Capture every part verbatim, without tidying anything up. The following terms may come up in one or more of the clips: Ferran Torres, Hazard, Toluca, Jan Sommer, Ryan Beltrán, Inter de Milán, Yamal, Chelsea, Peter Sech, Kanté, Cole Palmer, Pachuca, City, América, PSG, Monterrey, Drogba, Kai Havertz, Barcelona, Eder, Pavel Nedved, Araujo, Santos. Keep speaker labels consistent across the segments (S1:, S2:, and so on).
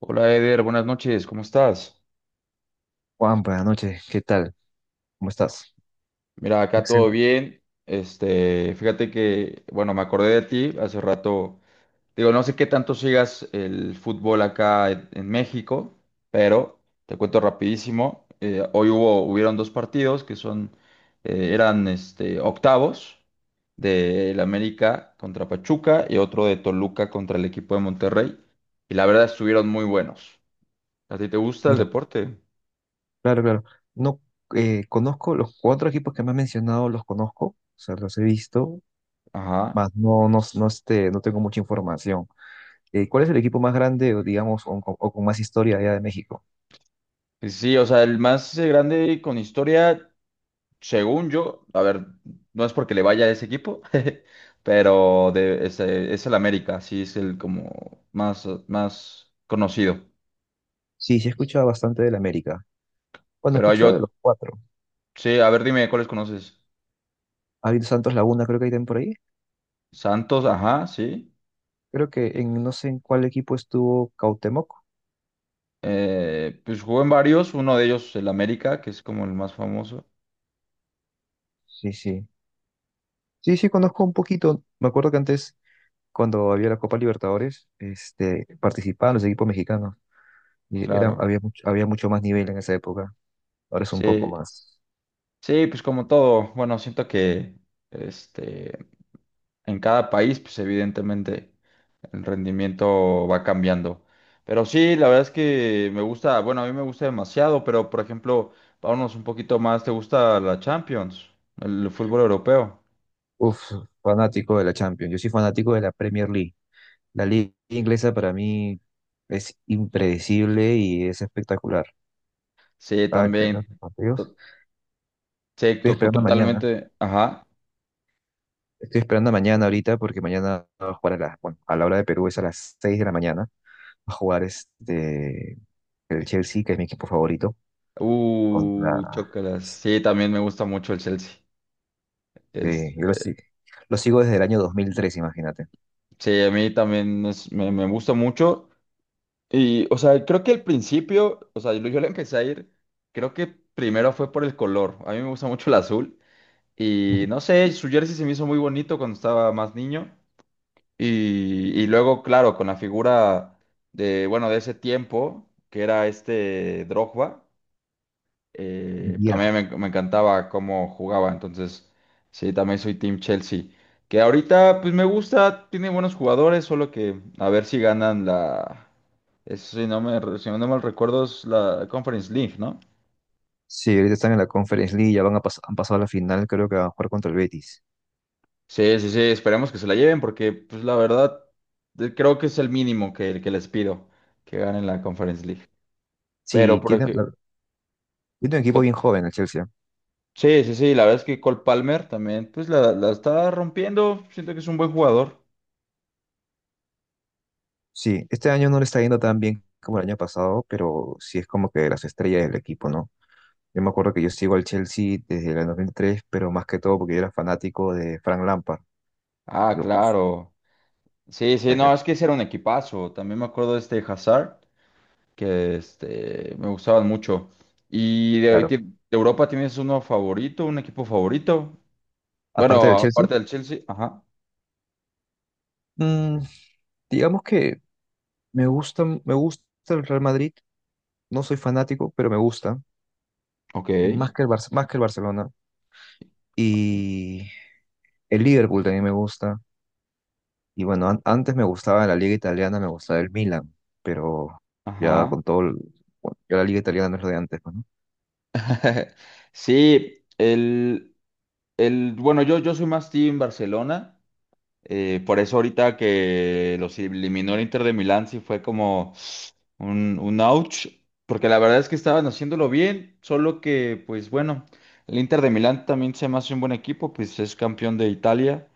S1: Hola Eder, buenas noches, ¿cómo estás?
S2: Juan, buenas noches, ¿qué tal? ¿Cómo estás?
S1: Mira, acá todo
S2: Excelente.
S1: bien. Este, fíjate que, bueno, me acordé de ti hace rato. Digo, no sé qué tanto sigas el fútbol acá en, en México, pero te cuento rapidísimo. Eh, hoy hubo, hubieron dos partidos que son, eh, eran este, octavos del América contra Pachuca y otro de Toluca contra el equipo de Monterrey. Y la verdad estuvieron muy buenos. ¿A ti te gusta el
S2: Mira,
S1: deporte?
S2: claro, claro. No, eh, conozco los cuatro equipos que me has mencionado, los conozco, o sea, los he visto,
S1: Ajá.
S2: más no, no, no, este, no tengo mucha información. Eh, ¿cuál es el equipo más grande, o digamos, o, con o con más historia allá de México?
S1: Sí, o sea, el más eh, grande con historia, según yo, a ver, no es porque le vaya a ese equipo, pero de, es, eh, es el América, sí es el como más, eh, más conocido.
S2: Sí, sí he escuchado bastante del América. Bueno, he
S1: Pero
S2: escuchado de
S1: yo,
S2: los cuatro.
S1: sí, a ver, dime cuáles conoces.
S2: Ha habido Santos Laguna, creo que hay también por ahí.
S1: Santos, ajá, sí.
S2: Creo que en no sé en cuál equipo estuvo Cautemoc.
S1: Eh, pues jugó en varios, uno de ellos el América, que es como el más famoso,
S2: Sí, sí. Sí, sí, conozco un poquito. Me acuerdo que antes cuando había la Copa Libertadores, este, participaban los equipos mexicanos y era,
S1: claro.
S2: había mucho, había mucho más nivel en esa época. Ahora es un poco
S1: Sí,
S2: más.
S1: sí, pues como todo, bueno, siento que este, en cada país, pues evidentemente el rendimiento va cambiando. Pero sí, la verdad es que me gusta, bueno, a mí me gusta demasiado, pero por ejemplo, vámonos un poquito más, ¿te gusta la Champions, el fútbol europeo?
S2: Uf, fanático de la Champions. Yo soy fanático de la Premier League. La liga inglesa para mí es impredecible y es espectacular.
S1: Sí,
S2: Cada que ganan
S1: también,
S2: los partidos.
S1: to- sí,
S2: Estoy
S1: to-
S2: esperando mañana.
S1: totalmente, ajá.
S2: Estoy esperando mañana ahorita porque mañana va a jugar a la, bueno, a la hora de Perú es a las seis de la mañana. Va a jugar este, el Chelsea, que es mi equipo favorito, contra.
S1: Uh, chócalas. Sí, también me gusta mucho el Chelsea.
S2: Sí, yo lo,
S1: Este,
S2: si- lo sigo desde el año dos mil tres, imagínate.
S1: sí, a mí también es- me, me gusta mucho. Y, o sea, creo que al principio, o sea, yo yo le empecé a ir, creo que primero fue por el color. A mí me gusta mucho el azul. Y
S2: Ujú.
S1: no sé, su jersey se me hizo muy bonito cuando estaba más niño. Y, y luego, claro, con la figura de, bueno, de ese tiempo, que era este Drogba, eh,
S2: Mierda.
S1: también me, me encantaba cómo jugaba. Entonces, sí, también soy Team Chelsea. Que ahorita, pues me gusta, tiene buenos jugadores, solo que a ver si ganan la... Eso sí, no me, si no mal recuerdo, es la Conference League, ¿no?
S2: Sí, ahorita están en la Conference League, ya van a pas- han pasado a la final, creo que van a jugar contra el Betis.
S1: Sí, sí, sí, esperemos que se la lleven porque, pues, la verdad, eh, creo que es el mínimo que, que les pido que ganen la Conference League. Pero,
S2: Sí,
S1: por
S2: tiene,
S1: ejemplo,
S2: la- tiene un equipo bien joven el Chelsea.
S1: sí, sí, sí, la verdad es que Cole Palmer también, pues, la, la está rompiendo. Siento que es un buen jugador.
S2: Sí, este año no le está yendo tan bien como el año pasado, pero sí es como que las estrellas del equipo, ¿no? Yo me acuerdo que yo sigo al Chelsea desde el dos mil tres, pero más que todo porque yo era fanático de Frank Lampard.
S1: Ah,
S2: Yo, uff,
S1: claro. Sí, sí, no, es que ese era un equipazo. También me acuerdo de este Hazard, que este, me gustaban mucho. ¿Y de,
S2: claro.
S1: de Europa tienes uno favorito, un equipo favorito?
S2: Aparte
S1: Bueno,
S2: del Chelsea,
S1: aparte del Chelsea, ajá,
S2: mm, digamos que me gusta, me gusta el Real Madrid. No soy fanático, pero me gusta.
S1: ok,
S2: Más que el Barce- más que el Barcelona. Y el Liverpool también me gusta. Y bueno, an- antes me gustaba la liga italiana, me gustaba el Milan. Pero ya
S1: ajá.
S2: con todo... el- Bueno, ya la liga italiana no es lo de antes, pues, ¿no?
S1: Sí, el, el, bueno, yo, yo soy más team Barcelona, eh, por eso ahorita que los eliminó el Inter de Milán sí fue como un, un ouch, porque la verdad es que estaban haciéndolo bien, solo que, pues bueno, el Inter de Milán también se me hace un buen equipo, pues es campeón de Italia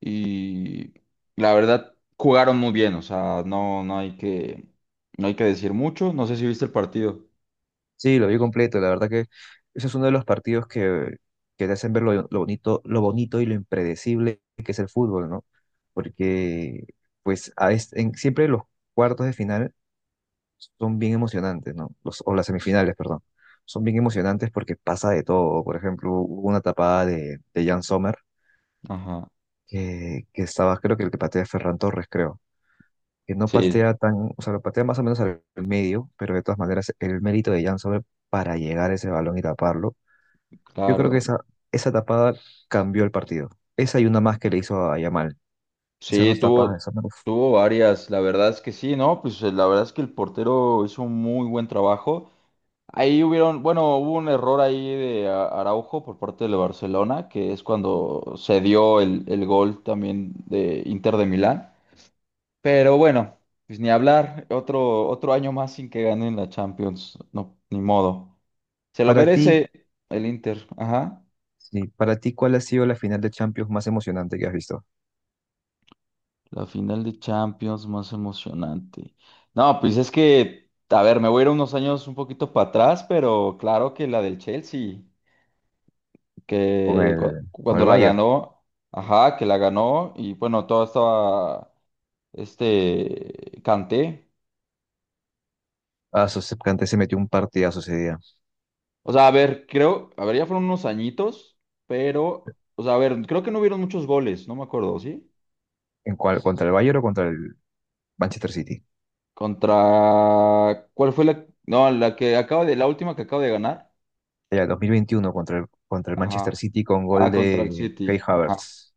S1: y la verdad jugaron muy bien, o sea, no, no hay que, no hay que decir mucho, no sé si viste el partido.
S2: Sí, lo vi completo. La verdad que ese es uno de los partidos que, que te hacen ver lo, lo bonito, lo bonito y lo impredecible que es el fútbol, ¿no? Porque, pues, a este- en- siempre los cuartos de final son bien emocionantes, ¿no? Los, o las semifinales, perdón. Son bien emocionantes porque pasa de todo. Por ejemplo, hubo una tapada de, de Jan Sommer
S1: Ajá,
S2: que, que estaba, creo que el que patea es Ferran Torres, creo. Que no
S1: sí,
S2: patea tan, o sea, lo patea más o menos al medio, pero de todas maneras el mérito de Jan Sommer para llegar a ese balón y taparlo. Yo creo que
S1: claro.
S2: esa, esa tapada cambió el partido. Esa y una más que le hizo a Yamal. Esas
S1: Sí,
S2: dos tapadas
S1: tuvo,
S2: de Sommer. Uf.
S1: tuvo varias, la verdad es que sí, ¿no? Pues eh, la verdad es que el portero hizo un muy buen trabajo. Ahí hubieron, bueno, hubo un error ahí de A- Araujo por parte del Barcelona, que es cuando se dio el, el gol también de Inter de Milán. Pero bueno, pues ni hablar, otro, otro año más sin que ganen la Champions, no, ni modo. Se lo
S2: Para ti,
S1: merece el Inter, ajá.
S2: sí, para ti, ¿cuál ha sido la final de Champions más emocionante que has visto?
S1: La final de Champions más emocionante. No, pues es que, a ver, me voy a ir unos años un poquito para atrás, pero claro que la del Chelsea,
S2: Con
S1: que cu-
S2: el, con
S1: cuando
S2: el
S1: la
S2: Bayern.
S1: ganó, ajá, que la ganó y bueno, todo estaba, este, Kanté.
S2: Ah, su Kanté se metió un partidazo ese día.
S1: O sea, a ver, creo, a ver, ya fueron unos añitos, pero, o sea, a ver, creo que no hubieron muchos goles, no me acuerdo, ¿sí?
S2: ¿En cuál? ¿Contra el Bayern o contra el Manchester City?
S1: Contra, ¿cuál fue la? No, la que acaba de, la última que acaba de ganar.
S2: Era el dos mil veintiuno contra el, contra el Manchester
S1: Ajá.
S2: City con gol
S1: Ah, contra el
S2: de Kai
S1: City. Ajá.
S2: Havertz.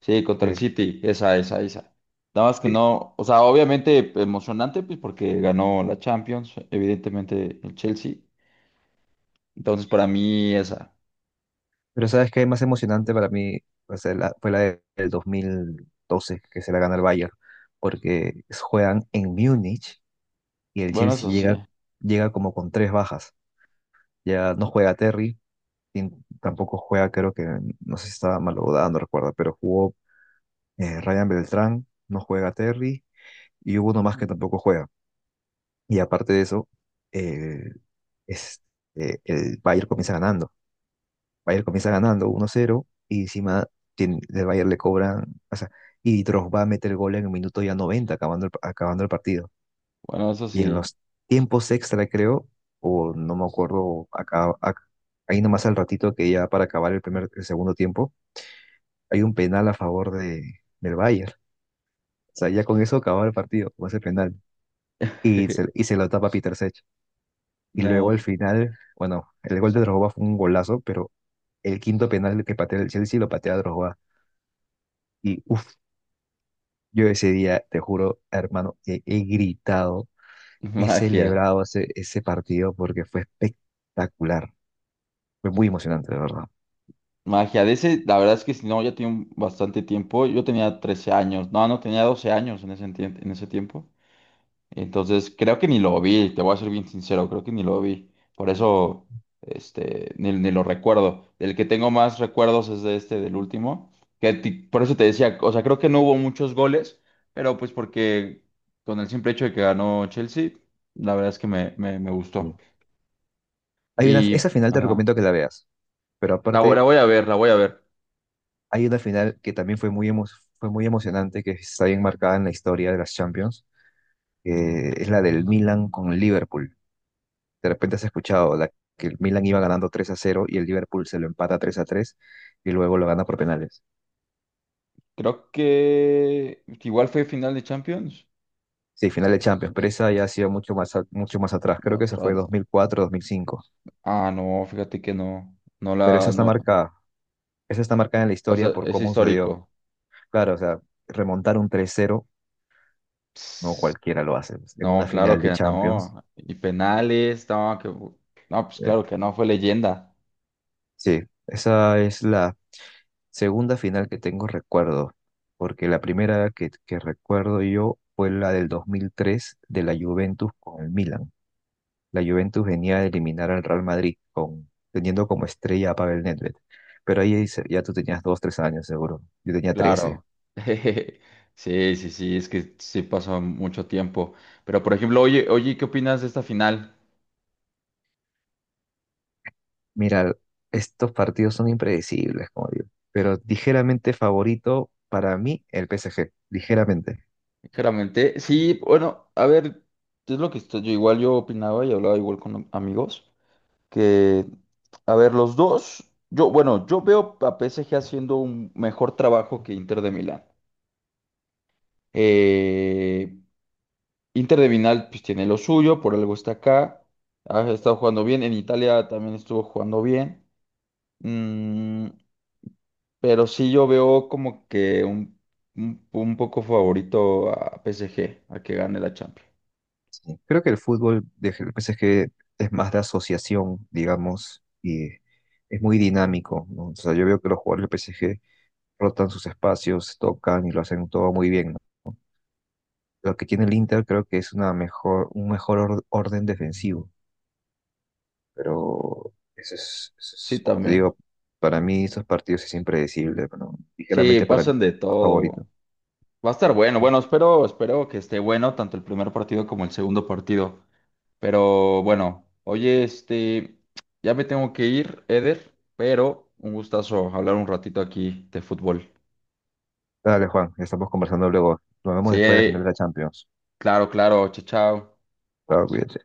S1: Sí, contra el
S2: Sí,
S1: City. Esa, esa, esa. Nada más que
S2: sí.
S1: no, o sea, obviamente emocionante, pues porque ganó la Champions, evidentemente el Chelsea. Entonces, para mí, esa.
S2: Pero ¿sabes qué? Más emocionante para mí fue la, fue la de- del dos mil doce que se la gana el Bayern, porque juegan en Múnich y el
S1: Bueno,
S2: Chelsea
S1: eso
S2: llega,
S1: sí.
S2: llega como con tres bajas. Ya no juega Terry, y tampoco juega, creo que, no sé si estaba malogrado, no recuerdo, pero jugó eh, Ryan Beltrán, no juega Terry y hubo uno más que tampoco juega. Y aparte de eso, eh, es, eh, el Bayern comienza ganando. Bayern comienza ganando uno cero y encima tiene, el Bayern le cobran, o sea, y Drogba mete el gol en el minuto ya noventa, acabando el, acabando el partido.
S1: Bueno, eso
S2: Y en
S1: sí.
S2: los tiempos extra, creo, o no me acuerdo, acá, acá- ahí nomás al ratito que ya para acabar el primer, el segundo tiempo, hay un penal a favor de, del Bayern. O sea, ya con eso acababa el partido, con ese penal. Y se, y se lo tapa Peter Sech. Y luego al
S1: No,
S2: final, bueno, el gol de Drogba fue un golazo, pero el quinto penal que patea el Chelsea lo patea Drogba. Y uff, yo ese día, te juro, hermano, he, he gritado, he
S1: magia.
S2: celebrado ese, ese partido porque fue espectacular. Fue muy emocionante, de verdad.
S1: Magia. De ese, la verdad es que si no, ya tiene un- bastante tiempo. Yo tenía trece años. No, no tenía doce años en ese, entien- en ese tiempo. Entonces, creo que ni lo vi, te voy a ser bien sincero, creo que ni lo vi. Por eso, este, ni, ni lo recuerdo. Del que tengo más recuerdos es de este, del último. Que ti- por eso te decía, o sea, creo que no hubo muchos goles, pero pues porque con el simple hecho de que ganó Chelsea, la verdad es que me, me, me gustó.
S2: Sí. Hay una, esa
S1: Y,
S2: final te
S1: ajá,
S2: recomiendo que la veas, pero
S1: la, vo- la
S2: aparte
S1: voy a ver, la voy a ver.
S2: hay una final que también fue muy, emo- fue muy emocionante, que está bien marcada en la historia de las Champions, que es la del Milan con Liverpool. De repente has escuchado la que el Milan iba ganando tres a cero y el Liverpool se lo empata tres a tres y luego lo gana por penales.
S1: Creo que igual fue final de Champions.
S2: Sí, final de Champions, pero esa ya ha sido mucho más, a- mucho más atrás. Creo que esa
S1: Otra,
S2: fue
S1: otra.
S2: dos mil cuatro, dos mil cinco.
S1: Ah, no, fíjate que no, no
S2: Pero esa
S1: la,
S2: está
S1: no,
S2: marcada. Esa está marcada en la
S1: o sea,
S2: historia por
S1: es
S2: cómo se dio.
S1: histórico.
S2: Claro, o sea, remontar un tres cero no
S1: Ps,
S2: cualquiera lo hace. En
S1: no,
S2: una
S1: claro
S2: final de
S1: que
S2: Champions.
S1: no. Y penales, no, que... no, pues
S2: eh,
S1: claro que no, fue leyenda.
S2: Sí, esa es la segunda final que tengo recuerdo, porque la primera que, que recuerdo yo fue la del dos mil tres de la Juventus con el Milan. La Juventus venía a eliminar al Real Madrid con, teniendo como estrella a Pavel Nedved. Pero ahí se- ya tú tenías dos, tres años seguro. Yo tenía trece.
S1: Claro. Sí, sí, sí, es que sí pasó mucho tiempo. Pero por ejemplo, oye, oye, ¿qué opinas de esta final?
S2: Mira, estos partidos son impredecibles, como digo. Pero ligeramente favorito para mí el P S G, ligeramente.
S1: Claramente, sí, bueno, a ver, es lo que estoy- yo igual yo opinaba y hablaba igual con amigos, que, a ver, los dos, yo, bueno, yo veo a P S G haciendo un mejor trabajo que Inter de Milán. Eh, Inter de Vinal pues tiene lo suyo, por algo está acá. Ha estado jugando bien. En Italia también estuvo jugando bien. Mm, pero sí yo veo como que un, un, un poco favorito a P S G, a que gane la Champions.
S2: Sí, creo que el fútbol de G- P S G es que es más de asociación, digamos, y es muy dinámico, ¿no? O sea, yo veo que los jugadores del P S G rotan sus espacios, tocan y lo hacen todo muy bien, ¿no? Lo que tiene el Inter creo que es una mejor, un mejor or- orden defensivo, pero eso es, eso
S1: Sí,
S2: es, como te
S1: también.
S2: digo, para mí estos partidos es impredecible, ¿no?
S1: Sí,
S2: Ligeramente para mí
S1: pasan de
S2: favorito.
S1: todo. Va a estar bueno. Bueno, espero, espero que esté bueno tanto el primer partido como el segundo partido. Pero bueno, oye, este, ya me tengo que ir, Eder, pero un gustazo hablar un ratito aquí de fútbol.
S2: Dale, Juan, ya estamos conversando luego. Nos vemos después de la
S1: Sí,
S2: final de la Champions.
S1: claro, claro, chao, chao.
S2: Chao, cuídate.